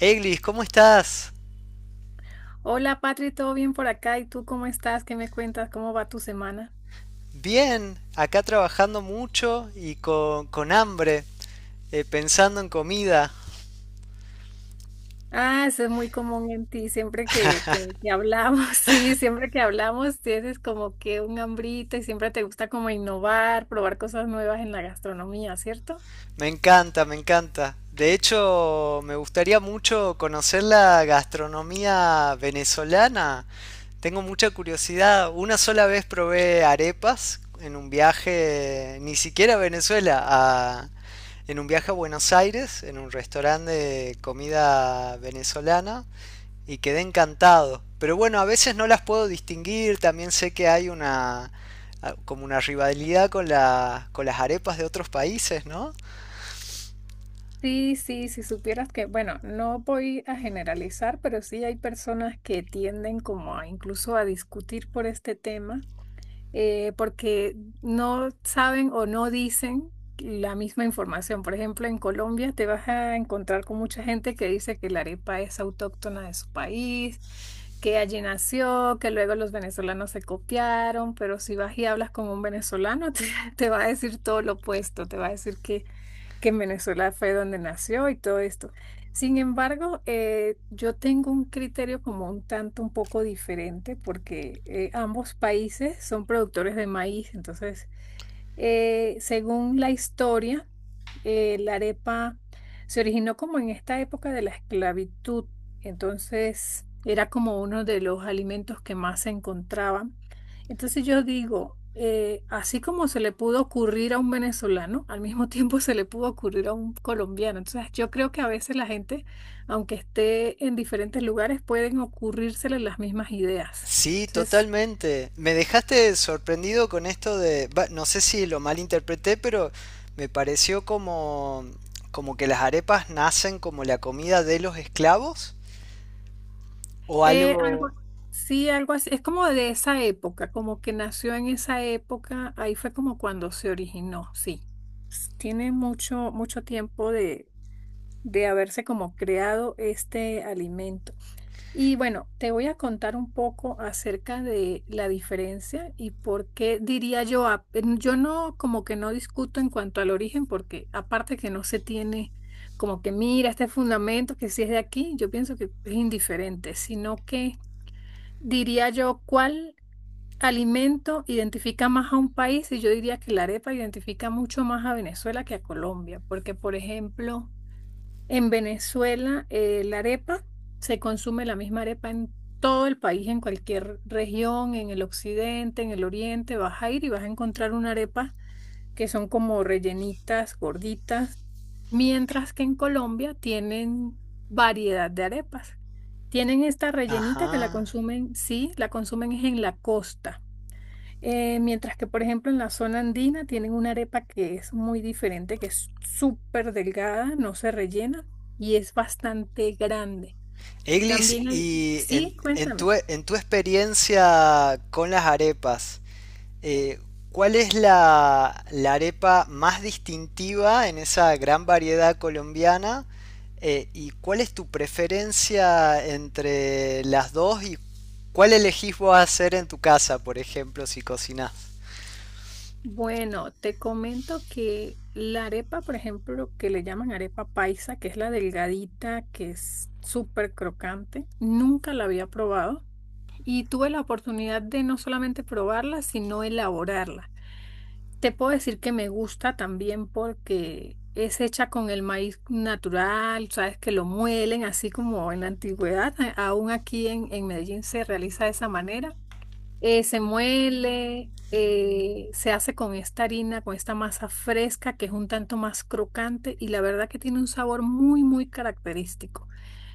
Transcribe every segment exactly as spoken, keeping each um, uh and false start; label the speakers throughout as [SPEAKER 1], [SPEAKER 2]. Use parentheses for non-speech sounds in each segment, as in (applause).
[SPEAKER 1] Eglis, ¿cómo estás?
[SPEAKER 2] Hola, Patri, ¿todo bien por acá? ¿Y tú cómo estás? ¿Qué me cuentas? ¿Cómo va tu semana?
[SPEAKER 1] Bien, acá trabajando mucho y con, con hambre, eh, pensando en comida.
[SPEAKER 2] Ah, eso es muy común en ti. Siempre que, que, que hablamos, (laughs) sí, siempre que hablamos tienes como que un hambrita y siempre te gusta como innovar, probar cosas nuevas en la gastronomía, ¿cierto?
[SPEAKER 1] Me encanta, me encanta. De hecho, me gustaría mucho conocer la gastronomía venezolana. Tengo mucha curiosidad. Una sola vez probé arepas en un viaje, ni siquiera a Venezuela, a- en un viaje a Buenos Aires, en un restaurante de comida venezolana. Y quedé encantado. Pero bueno, a veces no las puedo distinguir, también sé que hay una como una rivalidad con la, con las arepas de otros países, ¿no?
[SPEAKER 2] Sí, sí, si supieras que, bueno, no voy a generalizar, pero sí hay personas que tienden como a incluso a discutir por este tema, eh, porque no saben o no dicen la misma información. Por ejemplo, en Colombia te vas a encontrar con mucha gente que dice que la arepa es autóctona de su país, que allí nació, que luego los venezolanos se copiaron, pero si vas y hablas con un venezolano, (laughs) te, te va a decir todo lo opuesto, te va a decir que que en Venezuela fue donde nació y todo esto. Sin embargo, eh, yo tengo un criterio como un tanto un poco diferente porque eh, ambos países son productores de maíz, entonces eh, según la historia, eh, la arepa se originó como en esta época de la esclavitud, entonces era como uno de los alimentos que más se encontraban. Entonces yo digo, eh, así como se le pudo ocurrir a un venezolano, al mismo (laughs) tiempo se le pudo ocurrir a un colombiano. Entonces yo creo que a veces la gente, aunque esté en diferentes lugares, pueden ocurrírsele las mismas ideas.
[SPEAKER 1] Sí,
[SPEAKER 2] Entonces
[SPEAKER 1] totalmente. Me dejaste sorprendido con esto de, va, no sé si lo malinterpreté, pero me pareció como como que las arepas nacen como la comida de los esclavos o
[SPEAKER 2] Eh, algo,
[SPEAKER 1] algo.
[SPEAKER 2] sí, algo así. Es como de esa época, como que nació en esa época. Ahí fue como cuando se originó, sí. S- Tiene mucho, mucho tiempo de, de haberse como creado este alimento. Y bueno, te voy a contar un poco acerca de la diferencia y por qué diría yo, a- yo no como que no discuto en cuanto al origen, porque aparte que no se tiene como que mira este fundamento que si es de aquí, yo pienso que es indiferente, sino que diría yo, ¿cuál alimento identifica más a un país? Y yo diría que la arepa identifica mucho más a Venezuela que a Colombia, porque por ejemplo, en Venezuela eh, la arepa se consume la misma arepa en todo el país, en cualquier región, en el occidente, en el oriente, vas a ir y vas a encontrar una arepa que son como rellenitas, gorditas, mientras que en Colombia tienen variedad de arepas. Tienen esta rellenita que la
[SPEAKER 1] Ajá.
[SPEAKER 2] consumen, sí, la consumen es en la costa. Eh, mientras que, por ejemplo, en la zona andina tienen una arepa que es muy diferente, que es súper delgada, no se rellena y es bastante grande.
[SPEAKER 1] Eglis,
[SPEAKER 2] También hay,
[SPEAKER 1] y en,
[SPEAKER 2] sí,
[SPEAKER 1] en tu,
[SPEAKER 2] cuéntame.
[SPEAKER 1] en tu experiencia con las arepas, Eh, ¿cuál es la, la arepa más distintiva en esa gran variedad colombiana? Eh, ¿y cuál es tu preferencia entre las dos y cuál elegís vos hacer en tu casa, por ejemplo, si cocinás?
[SPEAKER 2] Bueno, te comento que la arepa, por ejemplo, que le llaman arepa paisa, que es la delgadita, que es súper crocante, nunca la había probado y tuve la oportunidad de no solamente probarla, sino elaborarla. Te puedo decir que me gusta también porque es hecha con el maíz natural, sabes que lo muelen así como en la antigüedad, a- aún aquí en, en Medellín se realiza de esa manera, eh, se muele, eh, se hace con esta harina, con esta masa fresca que es un tanto más crocante y la verdad que tiene un sabor muy, muy característico.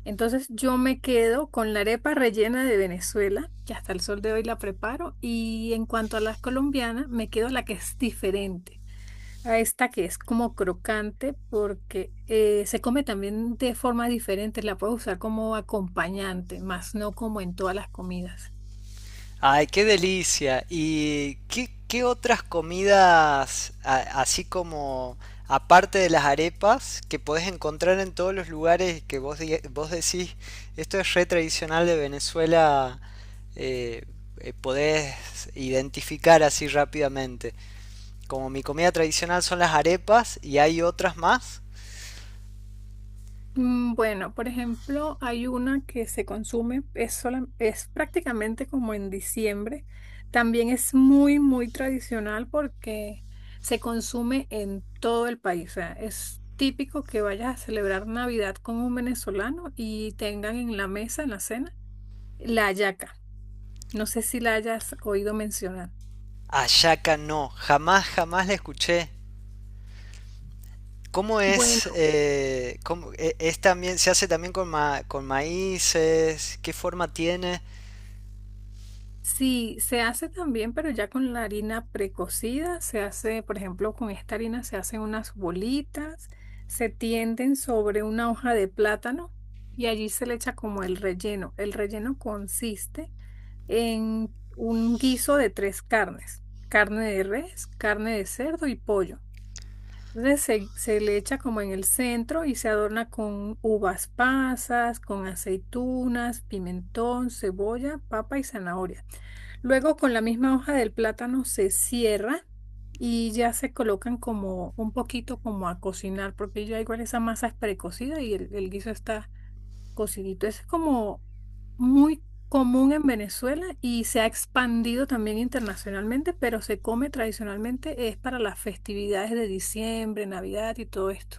[SPEAKER 2] Entonces yo me quedo con la arepa rellena de Venezuela, que hasta el sol de hoy la preparo, y en cuanto a la colombiana, me quedo la que es diferente. A esta que es como crocante porque eh, se come también de forma diferente, la puedo usar como acompañante, más no como en todas las comidas.
[SPEAKER 1] Ay, qué delicia. ¿Y qué, qué otras comidas, a- así como aparte de las arepas, que podés encontrar en todos los lugares que vos, diga- vos decís, esto es re tradicional de Venezuela, eh, eh, podés identificar así rápidamente? Como mi comida tradicional son las arepas y hay otras más.
[SPEAKER 2] Mm, bueno, por ejemplo, hay una que se consume, es, sola- es prácticamente como en diciembre. También es muy, muy tradicional porque se consume en todo el país. O sea, es típico que vayas a celebrar Navidad con un venezolano y tengan en la mesa, en la cena, la hallaca. No sé si la hayas oído mencionar.
[SPEAKER 1] Hallaca no, jamás, jamás la escuché. ¿Cómo es?
[SPEAKER 2] Bueno.
[SPEAKER 1] Eh, cómo- e- es también, ¿se hace también con, ma- con maíces? ¿Qué forma tiene?
[SPEAKER 2] Sí, se hace también, pero ya con la harina precocida, se hace, por ejemplo, con esta harina se hacen unas bolitas, se tienden sobre una hoja de plátano y allí se le echa como el relleno. El relleno consiste en un guiso de tres carnes, carne de res, carne de cerdo y pollo. Entonces se, se le echa como en el centro y se adorna con uvas pasas, con aceitunas, pimentón, cebolla, papa y zanahoria. Luego con la misma hoja del plátano se cierra y ya se colocan como un poquito como a cocinar, porque ya igual esa masa es precocida y el, el guiso está cocidito. Ese es como muy común en Venezuela y se ha expandido también internacionalmente, pero se come tradicionalmente, es para las festividades de diciembre, Navidad y todo esto.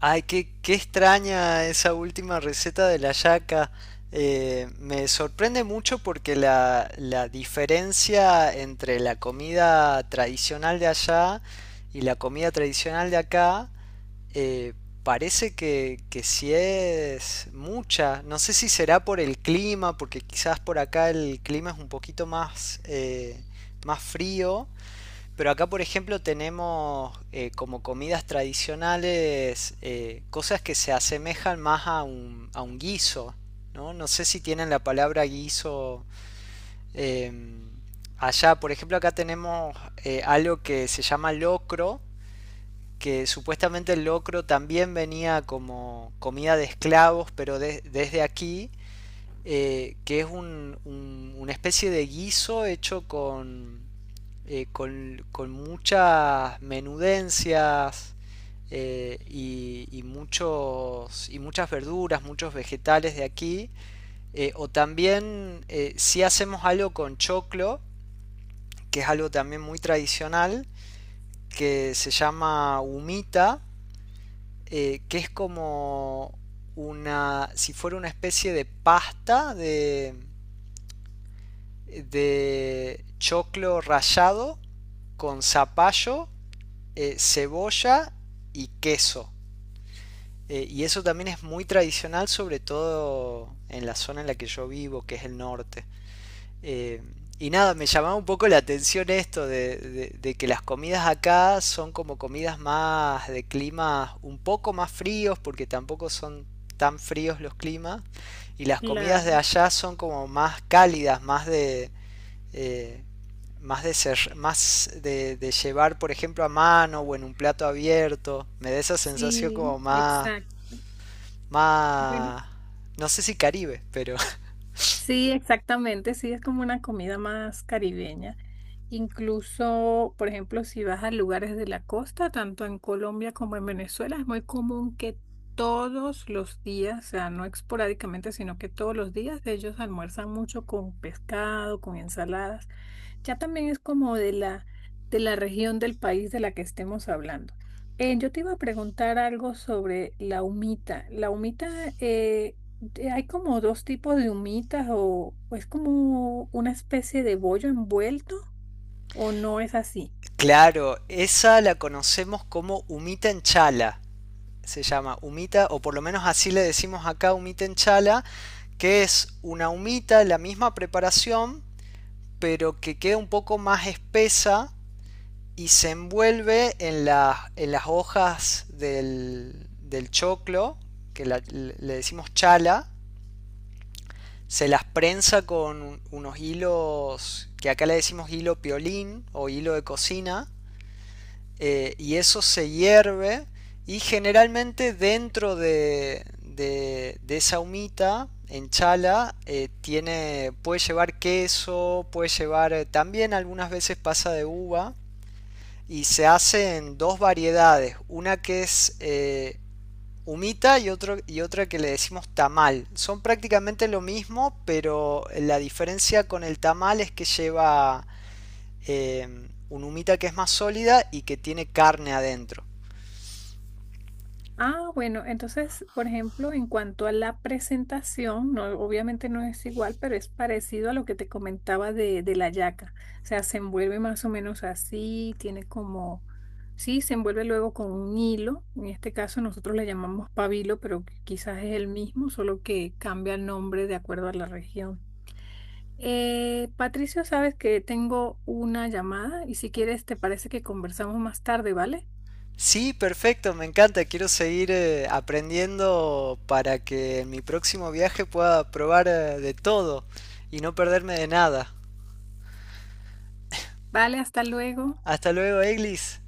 [SPEAKER 1] Ay, qué, qué extraña esa última receta de la yaca. Eh, me sorprende mucho porque la, la diferencia entre la comida tradicional de allá y la comida tradicional de acá eh, parece que, que sí es mucha. No sé si será por el clima, porque quizás por acá el clima es un poquito más, eh, más frío. Pero acá, por ejemplo, tenemos eh, como comidas tradicionales eh, cosas que se asemejan más a un, a un guiso, ¿no? No sé si tienen la palabra guiso eh, allá. Por ejemplo, acá tenemos eh, algo que se llama locro, que supuestamente el locro también venía como comida de esclavos, pero de- desde aquí, eh, que es un- un- una especie de guiso hecho con, eh, con, con muchas menudencias eh, y, y muchos, y muchas verduras, muchos vegetales de aquí. Eh, o también eh, si hacemos algo con choclo, que es algo también muy tradicional, que se llama humita eh, que es como una, si fuera una especie de pasta de, de choclo rallado con zapallo, eh, cebolla y queso. Eh, y eso también es muy tradicional, sobre todo en la zona en la que yo vivo, que es el norte. Eh, y nada, me llamaba un poco la atención esto de, de- de que las comidas acá son como comidas más de climas un poco más fríos, porque tampoco son tan fríos los climas, y las comidas de
[SPEAKER 2] Claro,
[SPEAKER 1] allá son como más cálidas, más de, eh, más de ser, más de, de llevar, por ejemplo, a mano o en un plato abierto. Me da esa sensación
[SPEAKER 2] sí,
[SPEAKER 1] como más,
[SPEAKER 2] exacto. Bueno,
[SPEAKER 1] más, no sé si Caribe, pero
[SPEAKER 2] sí, exactamente, sí, es como una comida más caribeña. Incluso, por ejemplo, si vas a lugares de la costa, tanto en Colombia como en Venezuela, es muy común que todos los días, o sea, no esporádicamente, sino que todos los días ellos almuerzan mucho con pescado, con ensaladas. Ya también es como de la, de la región del país de la que estemos hablando. Eh, yo te iba a preguntar algo sobre la humita. La humita eh, eh, hay como dos tipos de humitas o, o es como una especie de bollo envuelto o no es así.
[SPEAKER 1] claro, esa la conocemos como humita en chala, se llama humita, o por lo menos así le decimos acá humita en chala, que es una humita, la misma preparación, pero que queda un poco más espesa y se envuelve en, la- en las hojas del, del choclo, que la- le decimos chala, se las prensa con unos hilos, que acá le decimos hilo piolín o hilo de cocina, eh, y eso se hierve y generalmente dentro de, de, de esa humita en chala eh, tiene, puede llevar queso, puede llevar eh, también algunas veces pasa de uva y se hace en dos variedades, una que es eh, humita y, otro, y otra que le decimos tamal. Son prácticamente lo mismo, pero la diferencia con el tamal es que lleva eh, un humita que es más sólida y que tiene carne adentro.
[SPEAKER 2] Ah, bueno, entonces, por ejemplo, en cuanto a la presentación, no, obviamente no es igual, pero es parecido a lo que te comentaba de, de la yaca. O sea, se envuelve más o menos así, tiene como, sí, se envuelve luego con un hilo. En este caso nosotros le llamamos pabilo, pero quizás es el mismo, solo que cambia el nombre de acuerdo a la región. Eh, Patricio, sabes que tengo una llamada y si quieres, te parece que conversamos más tarde, ¿vale?
[SPEAKER 1] Sí, perfecto, me encanta. Quiero seguir eh, aprendiendo para que en mi próximo viaje pueda probar eh, de todo y no perderme de nada.
[SPEAKER 2] Vale, hasta luego.
[SPEAKER 1] Hasta luego, Eglis.